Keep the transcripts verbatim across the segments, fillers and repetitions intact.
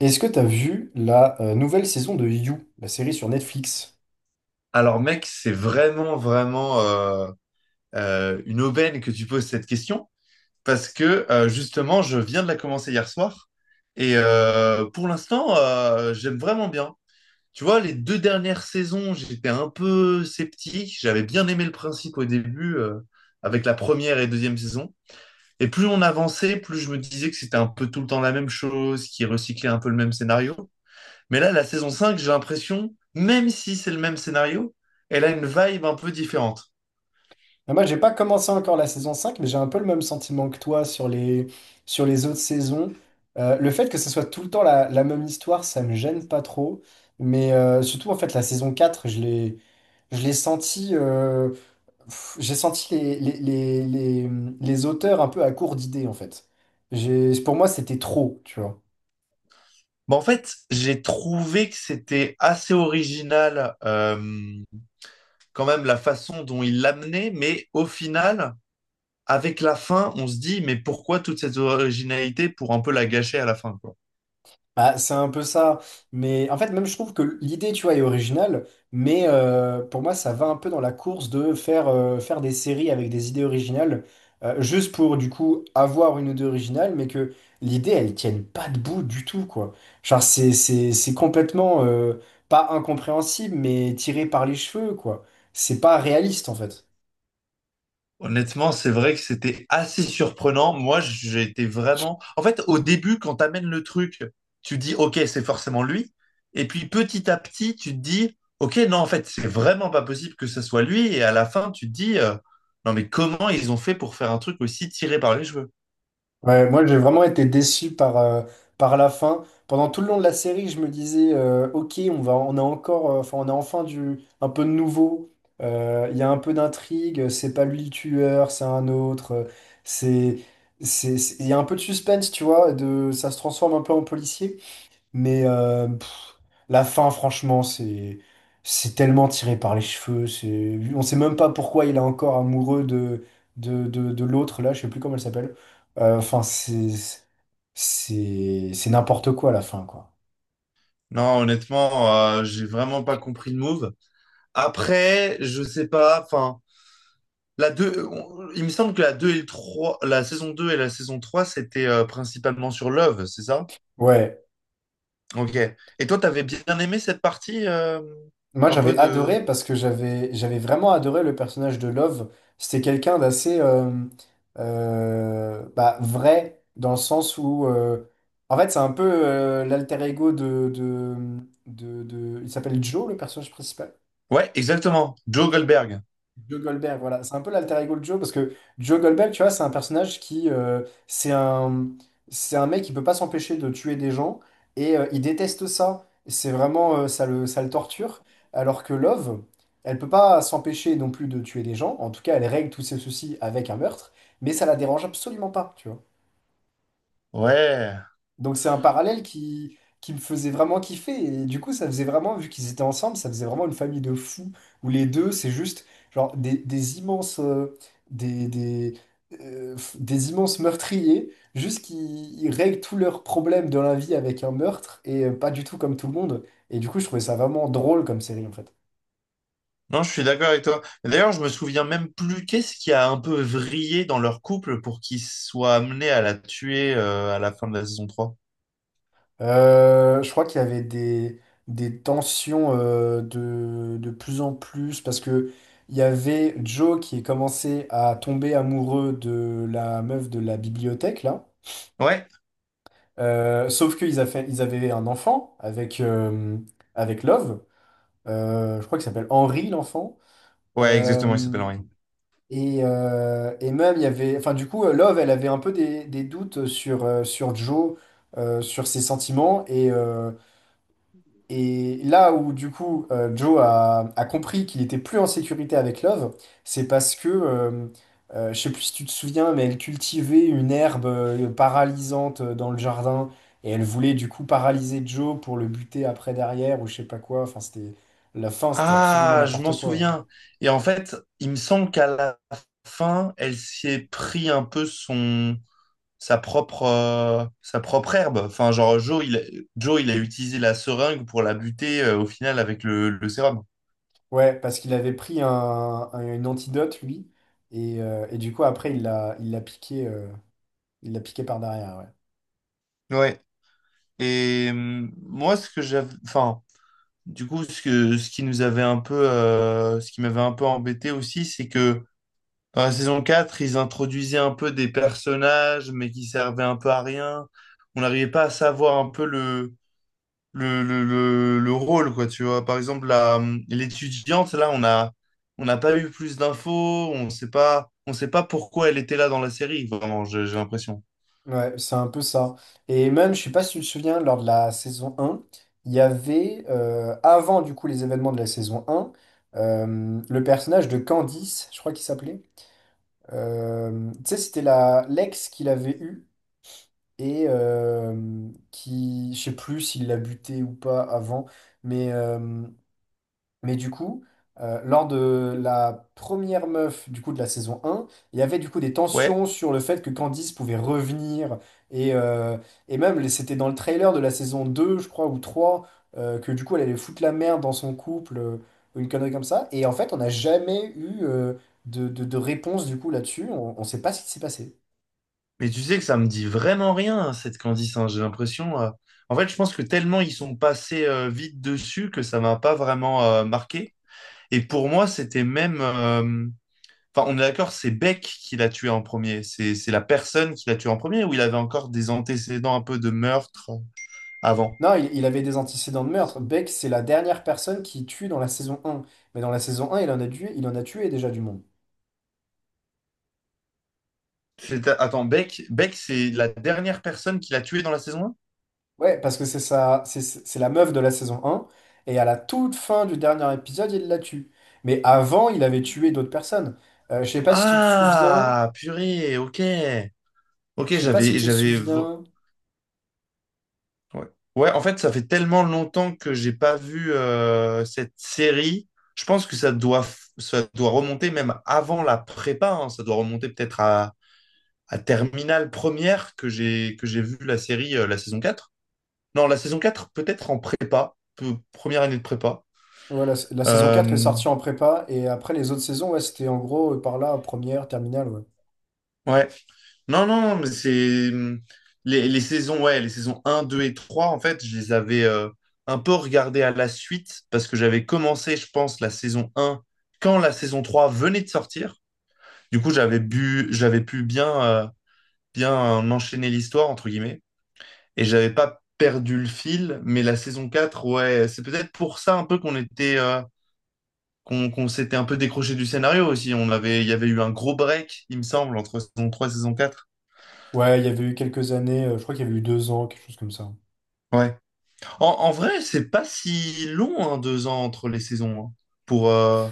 Est-ce que t'as vu la euh, nouvelle saison de You, la série sur Netflix? Alors mec, c'est vraiment, vraiment euh, euh, une aubaine que tu poses cette question parce que euh, justement, je viens de la commencer hier soir et euh, pour l'instant, euh, j'aime vraiment bien. Tu vois, les deux dernières saisons, j'étais un peu sceptique. J'avais bien aimé le principe au début euh, avec la première et deuxième saison. Et plus on avançait, plus je me disais que c'était un peu tout le temps la même chose, qui recyclait un peu le même scénario. Mais là, la saison cinq, j'ai l'impression, même si c'est le même scénario, elle a une vibe un peu différente. Ah, moi, j'ai pas commencé encore la saison cinq, mais j'ai un peu le même sentiment que toi sur les, sur les autres saisons. Euh, le fait que ce soit tout le temps la, la même histoire, ça me gêne pas trop. Mais euh, surtout, en fait, la saison quatre, je l'ai, je l'ai senti, euh, pff, j'ai senti les, les, les, les, les auteurs un peu à court d'idées, en fait. J'ai, pour moi, c'était trop, tu vois. Bon, en fait, j'ai trouvé que c'était assez original, euh, quand même, la façon dont il l'amenait, mais au final, avec la fin, on se dit, mais pourquoi toute cette originalité pour un peu la gâcher à la fin, quoi. Bah, c'est un peu ça. Mais en fait, même je trouve que l'idée, tu vois, est originale. Mais euh, pour moi, ça va un peu dans la course de faire, euh, faire des séries avec des idées originales, euh, juste pour du coup avoir une idée originale, mais que l'idée, elle tienne pas debout du tout, quoi. Genre, c'est, c'est, c'est complètement euh, pas incompréhensible, mais tiré par les cheveux, quoi. C'est pas réaliste, en fait. Honnêtement, c'est vrai que c'était assez surprenant. Moi, j'ai été vraiment… En fait, au début, quand t'amènes le truc, tu dis, OK, c'est forcément lui. Et puis, petit à petit, tu te dis, OK, non, en fait, c'est vraiment pas possible que ce soit lui. Et à la fin, tu te dis, euh, non, mais comment ils ont fait pour faire un truc aussi tiré par les cheveux? Ouais, moi j'ai vraiment été déçu par, euh, par la fin. Pendant tout le long de la série, je me disais euh, ok, on va, on a encore, euh, enfin on a enfin du un peu de nouveau. Euh, Il y a un peu d'intrigue. euh, C'est pas lui le tueur, c'est un autre. euh, C'est, c'est, c'est- il y a un peu de suspense, tu vois. De, ça se transforme un peu en policier. Mais euh, pff, la fin, franchement, c'est c'est tellement tiré par les cheveux. C'est, on sait même pas pourquoi il est encore amoureux de de, de, de l'autre là. Je sais plus comment elle s'appelle. Euh, Enfin, c'est c'est c'est n'importe quoi la fin, quoi. Non, honnêtement, euh, j'ai vraiment pas compris le move. Après, je sais pas, enfin, la deux, on- il me semble que la deux et le trois, la saison deux et la saison trois, c'était euh, principalement sur Love, c'est ça? Ouais. Ok. Et toi, t'avais bien aimé cette partie euh, Moi, un peu j'avais de… adoré parce que j'avais j'avais vraiment adoré le personnage de Love. C'était quelqu'un d'assez euh, euh, bah, vrai dans le sens où euh, en fait c'est un peu euh, l'alter ego de, de, de, de- il s'appelle Joe le personnage principal. Ouais, exactement. Joe Goldberg. Joe Goldberg, voilà. C'est un peu l'alter ego de Joe, parce que Joe Goldberg, tu vois, c'est un personnage qui... euh, c'est un, c'est un mec qui peut pas s'empêcher de tuer des gens, et euh, il déteste ça. C'est vraiment... euh, ça le, ça le torture. Alors que Love, elle peut pas s'empêcher non plus de tuer des gens. En tout cas, elle règle tous ses soucis avec un meurtre, mais ça la dérange absolument pas, tu vois. Ouais. Donc c'est un parallèle qui, qui me faisait vraiment kiffer. Et du coup, ça faisait vraiment, vu qu'ils étaient ensemble, ça faisait vraiment une famille de fous, où les deux, c'est juste genre des, des immenses, euh, des, des, euh, f- des immenses meurtriers, juste qui ils règlent tous leurs problèmes de la vie avec un meurtre, et euh, pas du tout comme tout le monde. Et du coup, je trouvais ça vraiment drôle comme série, en fait. Non, je suis d'accord avec toi. Et d'ailleurs, je me souviens même plus qu'est-ce qui a un peu vrillé dans leur couple pour qu'ils soient amenés à la tuer euh, à la fin de la saison trois. Euh, je crois qu'il y avait des, des tensions euh, de, de plus en plus parce que il y avait Joe qui commençait à tomber amoureux de la meuf de la bibliothèque là. Ouais. Euh, sauf qu'ils a fait, ils avaient un enfant avec, euh, avec Love. Euh, je crois qu'il s'appelle Henry l'enfant. Ouais, exactement, il s'appelle Euh, Henry. et, euh, et même il y avait, enfin du coup euh, Love elle avait un peu des, des doutes sur, euh, sur Joe, euh, sur ses sentiments et euh, Et là où du coup euh, Joe a, a compris qu'il était plus en sécurité avec Love, c'est parce que, euh, euh, je sais plus si tu te souviens, mais elle cultivait une herbe euh, paralysante euh, dans le jardin et elle voulait du coup paralyser Joe pour le buter après derrière ou je sais pas quoi. Enfin, c'était la fin, c'était absolument Ah, je m'en n'importe quoi. souviens. Et en fait, il me semble qu'à la fin, elle s'est pris un peu son… sa propre, euh, sa propre herbe. Enfin, genre, Joe il, a- Joe, il a utilisé la seringue pour la buter euh, au final avec le, le sérum. Ouais, parce qu'il avait pris un, un- une antidote lui et, euh, et du coup après il l'a il l'a piqué euh, il l'a piqué par derrière. Ouais. Ouais. Et hum, moi, ce que j'avais. Enfin, du coup, ce que, ce qui nous avait un peu. euh, ce qui m'avait un peu embêté aussi, c'est que dans la saison quatre ils introduisaient un peu des personnages, mais qui servaient un peu à rien. On n'arrivait pas à savoir un peu le le, le, le, le rôle, quoi, tu vois. Par exemple, la, hum, l'étudiante, là, on a, on n'a pas eu plus d'infos, on sait pas, on sait pas pourquoi elle était là dans la série, vraiment, j'ai j'ai l'impression. Ouais, c'est un peu ça. Et même, je sais pas si tu te souviens, lors de la saison un il y avait, euh, avant du coup les événements de la saison un euh, le personnage de Candice, je crois qu'il s'appelait. Euh, tu sais, c'était la l'ex qu'il avait eu et euh, qui, je sais plus s'il l'a buté ou pas avant, mais euh, mais du coup, euh, lors de la première meuf du coup de la saison un, il y avait du coup des Ouais, tensions sur le fait que Candice pouvait revenir. Et, euh, et même, les- c'était dans le trailer de la saison deux, je crois, ou trois, euh, que du coup, elle allait foutre la merde dans son couple, euh, ou une connerie comme ça. Et en fait, on n'a jamais eu euh, de, de- de réponse du coup là-dessus. On ne sait pas ce qui s'est passé. mais tu sais que ça me dit vraiment rien, hein, cette Candice, hein, j'ai l'impression. euh, En fait, je pense que tellement ils sont passés euh, vite dessus que ça m'a pas vraiment euh, marqué. Et pour moi, c'était même. euh, Enfin, on est d'accord, c'est Beck qui l'a tué en premier. C'est c'est la personne qui l'a tué en premier ou il avait encore des antécédents un peu de meurtre euh, avant? Non, il, il avait des antécédents de meurtre. Beck, c'est la dernière personne qui tue dans la saison un. Mais dans la saison un, il en a tué, il en a tué déjà du monde. C'est- Attends, Beck, Beck, c'est la dernière personne qu'il a tuée dans la saison un? Ouais, parce que c'est ça, c'est c'est la meuf de la saison un, et à la toute fin du dernier épisode, il la tue. Mais avant, il avait tué d'autres personnes. Euh, je sais pas si tu te souviens, Ah, purée, ok. Ok, je sais pas si j'avais, tu te j'avais. v- souviens, Ouais. Ouais, en fait, ça fait tellement longtemps que j'ai pas vu euh, cette série. Je pense que ça doit, f- ça doit remonter même avant la prépa. Hein. Ça doit remonter peut-être à, à Terminale première que j'ai que j'ai vu la série, euh, la saison quatre. Non, la saison quatre peut-être en prépa, peu- première année de prépa. voilà, la, la saison quatre est Euh, sortie en prépa, et après les autres saisons, ouais, c'était en gros euh, par là, première, terminale, ouais. ouais. Non, non, non, mais c'est hum, les, les saisons, ouais, les saisons un deux et trois en fait, je les avais euh, un peu regardées à la suite parce que j'avais commencé, je pense, la saison un quand la saison trois venait de sortir. Du coup, j'avais bu, j'avais pu bien, euh, bien enchaîner l'histoire, entre guillemets, et j'avais pas perdu le fil, mais la saison quatre ouais, c'est peut-être pour ça un peu qu'on était, euh, qu'on qu'on s'était un peu décroché du scénario aussi. On avait, il y avait eu un gros break, il me semble, entre saison trois et saison quatre. Ouais, il y avait eu quelques années, euh, je crois qu'il y avait eu deux ans, quelque chose comme ça. En, en vrai, c'est pas si long, hein, deux ans entre les saisons. Hein. Pour, euh,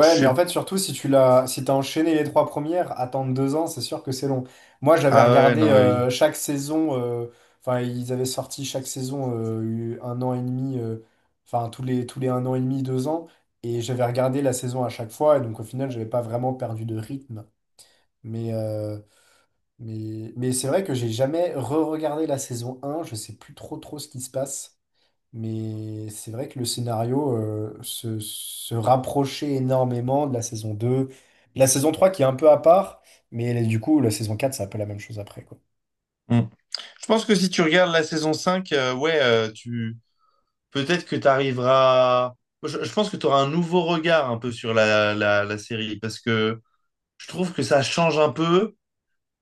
je mais en sais… fait, surtout si tu l'as, si t'as enchaîné les trois premières, attendre deux ans, c'est sûr que c'est long. Moi, j'avais Ah ouais, regardé non, euh, oui. chaque saison, euh, enfin, ils avaient sorti chaque saison euh, un an et demi, euh, enfin, tous les, tous les un an et demi, deux ans, et j'avais regardé la saison à chaque fois, et donc au final, j'avais pas vraiment perdu de rythme. Mais, euh, mais, mais c'est vrai que j'ai jamais re-regardé la saison un. Je sais plus trop trop ce qui se passe. Mais c'est vrai que le scénario euh, se, se rapprochait énormément de la saison deux, de la saison trois qui est un peu à part, mais là, du coup, la saison quatre c'est un peu la même chose après, quoi. Hmm. Je pense que si tu regardes la saison cinq, euh, ouais, euh, tu… peut-être que tu arriveras… Je, je pense que tu auras un nouveau regard un peu sur la, la, la série, parce que je trouve que ça change un peu.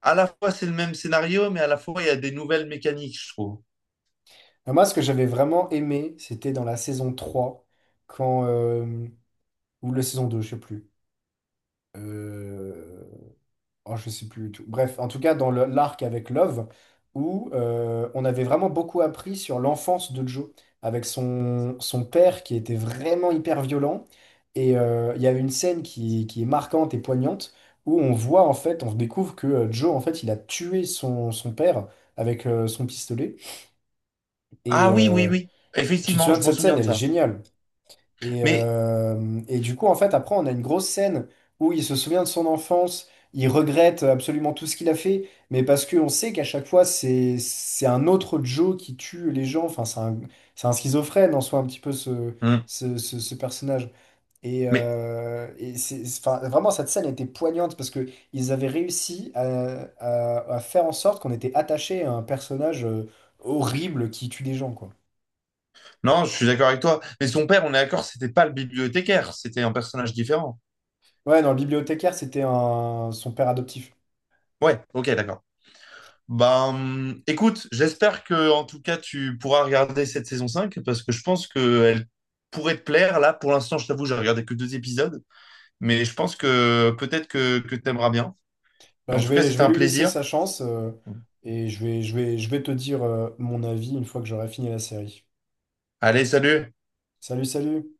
À la fois, c'est le même scénario, mais à la fois, il y a des nouvelles mécaniques, je trouve. Alors moi, ce que j'avais vraiment aimé, c'était dans la saison trois quand, euh, ou la saison deux je sais plus. euh, Oh, je sais plus du tout. Bref, en tout cas, dans le- l'arc avec Love, où euh, on avait vraiment beaucoup appris sur l'enfance de Joe, avec son, son père qui était vraiment hyper violent. Et euh, il y a une scène qui, qui est marquante et poignante, où on voit, en fait, on découvre que euh, Joe, en fait, il a tué son, son père avec euh, son pistolet. Et Ah oui, oui, euh, oui. tu te Effectivement, souviens je de m'en cette souviens scène, de elle est ça. géniale. Et, Mais, euh, et du coup, en fait, après, on a une grosse scène où il se souvient de son enfance, il regrette absolument tout ce qu'il a fait, mais parce qu'on sait qu'à chaque fois, c'est, c'est un autre Joe qui tue les gens. Enfin, c'est un, c'est un schizophrène en soi, un petit peu ce, Hmm. ce, ce- ce personnage. Et, mais euh, et c'est, enfin, vraiment, cette scène était poignante parce que ils avaient réussi à, à- à faire en sorte qu'on était attaché à un personnage euh, horrible qui tue des gens, quoi. non, je suis d'accord avec toi. Mais son père, on est d'accord, c'était pas le bibliothécaire, c'était un personnage différent. Ouais, dans le bibliothécaire, c'était un, son père adoptif. Ouais, ok, d'accord. Ben, écoute, j'espère que en tout cas tu pourras regarder cette saison cinq parce que je pense qu'elle pourrait te plaire. Là, pour l'instant, je t'avoue, j'ai regardé que deux épisodes, mais je pense que peut-être que, que t'aimeras bien. Bah, En je tout cas, vais, je c'était vais un lui laisser plaisir. sa chance euh, et je vais, je vais, je vais te dire euh, mon avis une fois que j'aurai fini la série. Allez, salut! Salut, salut!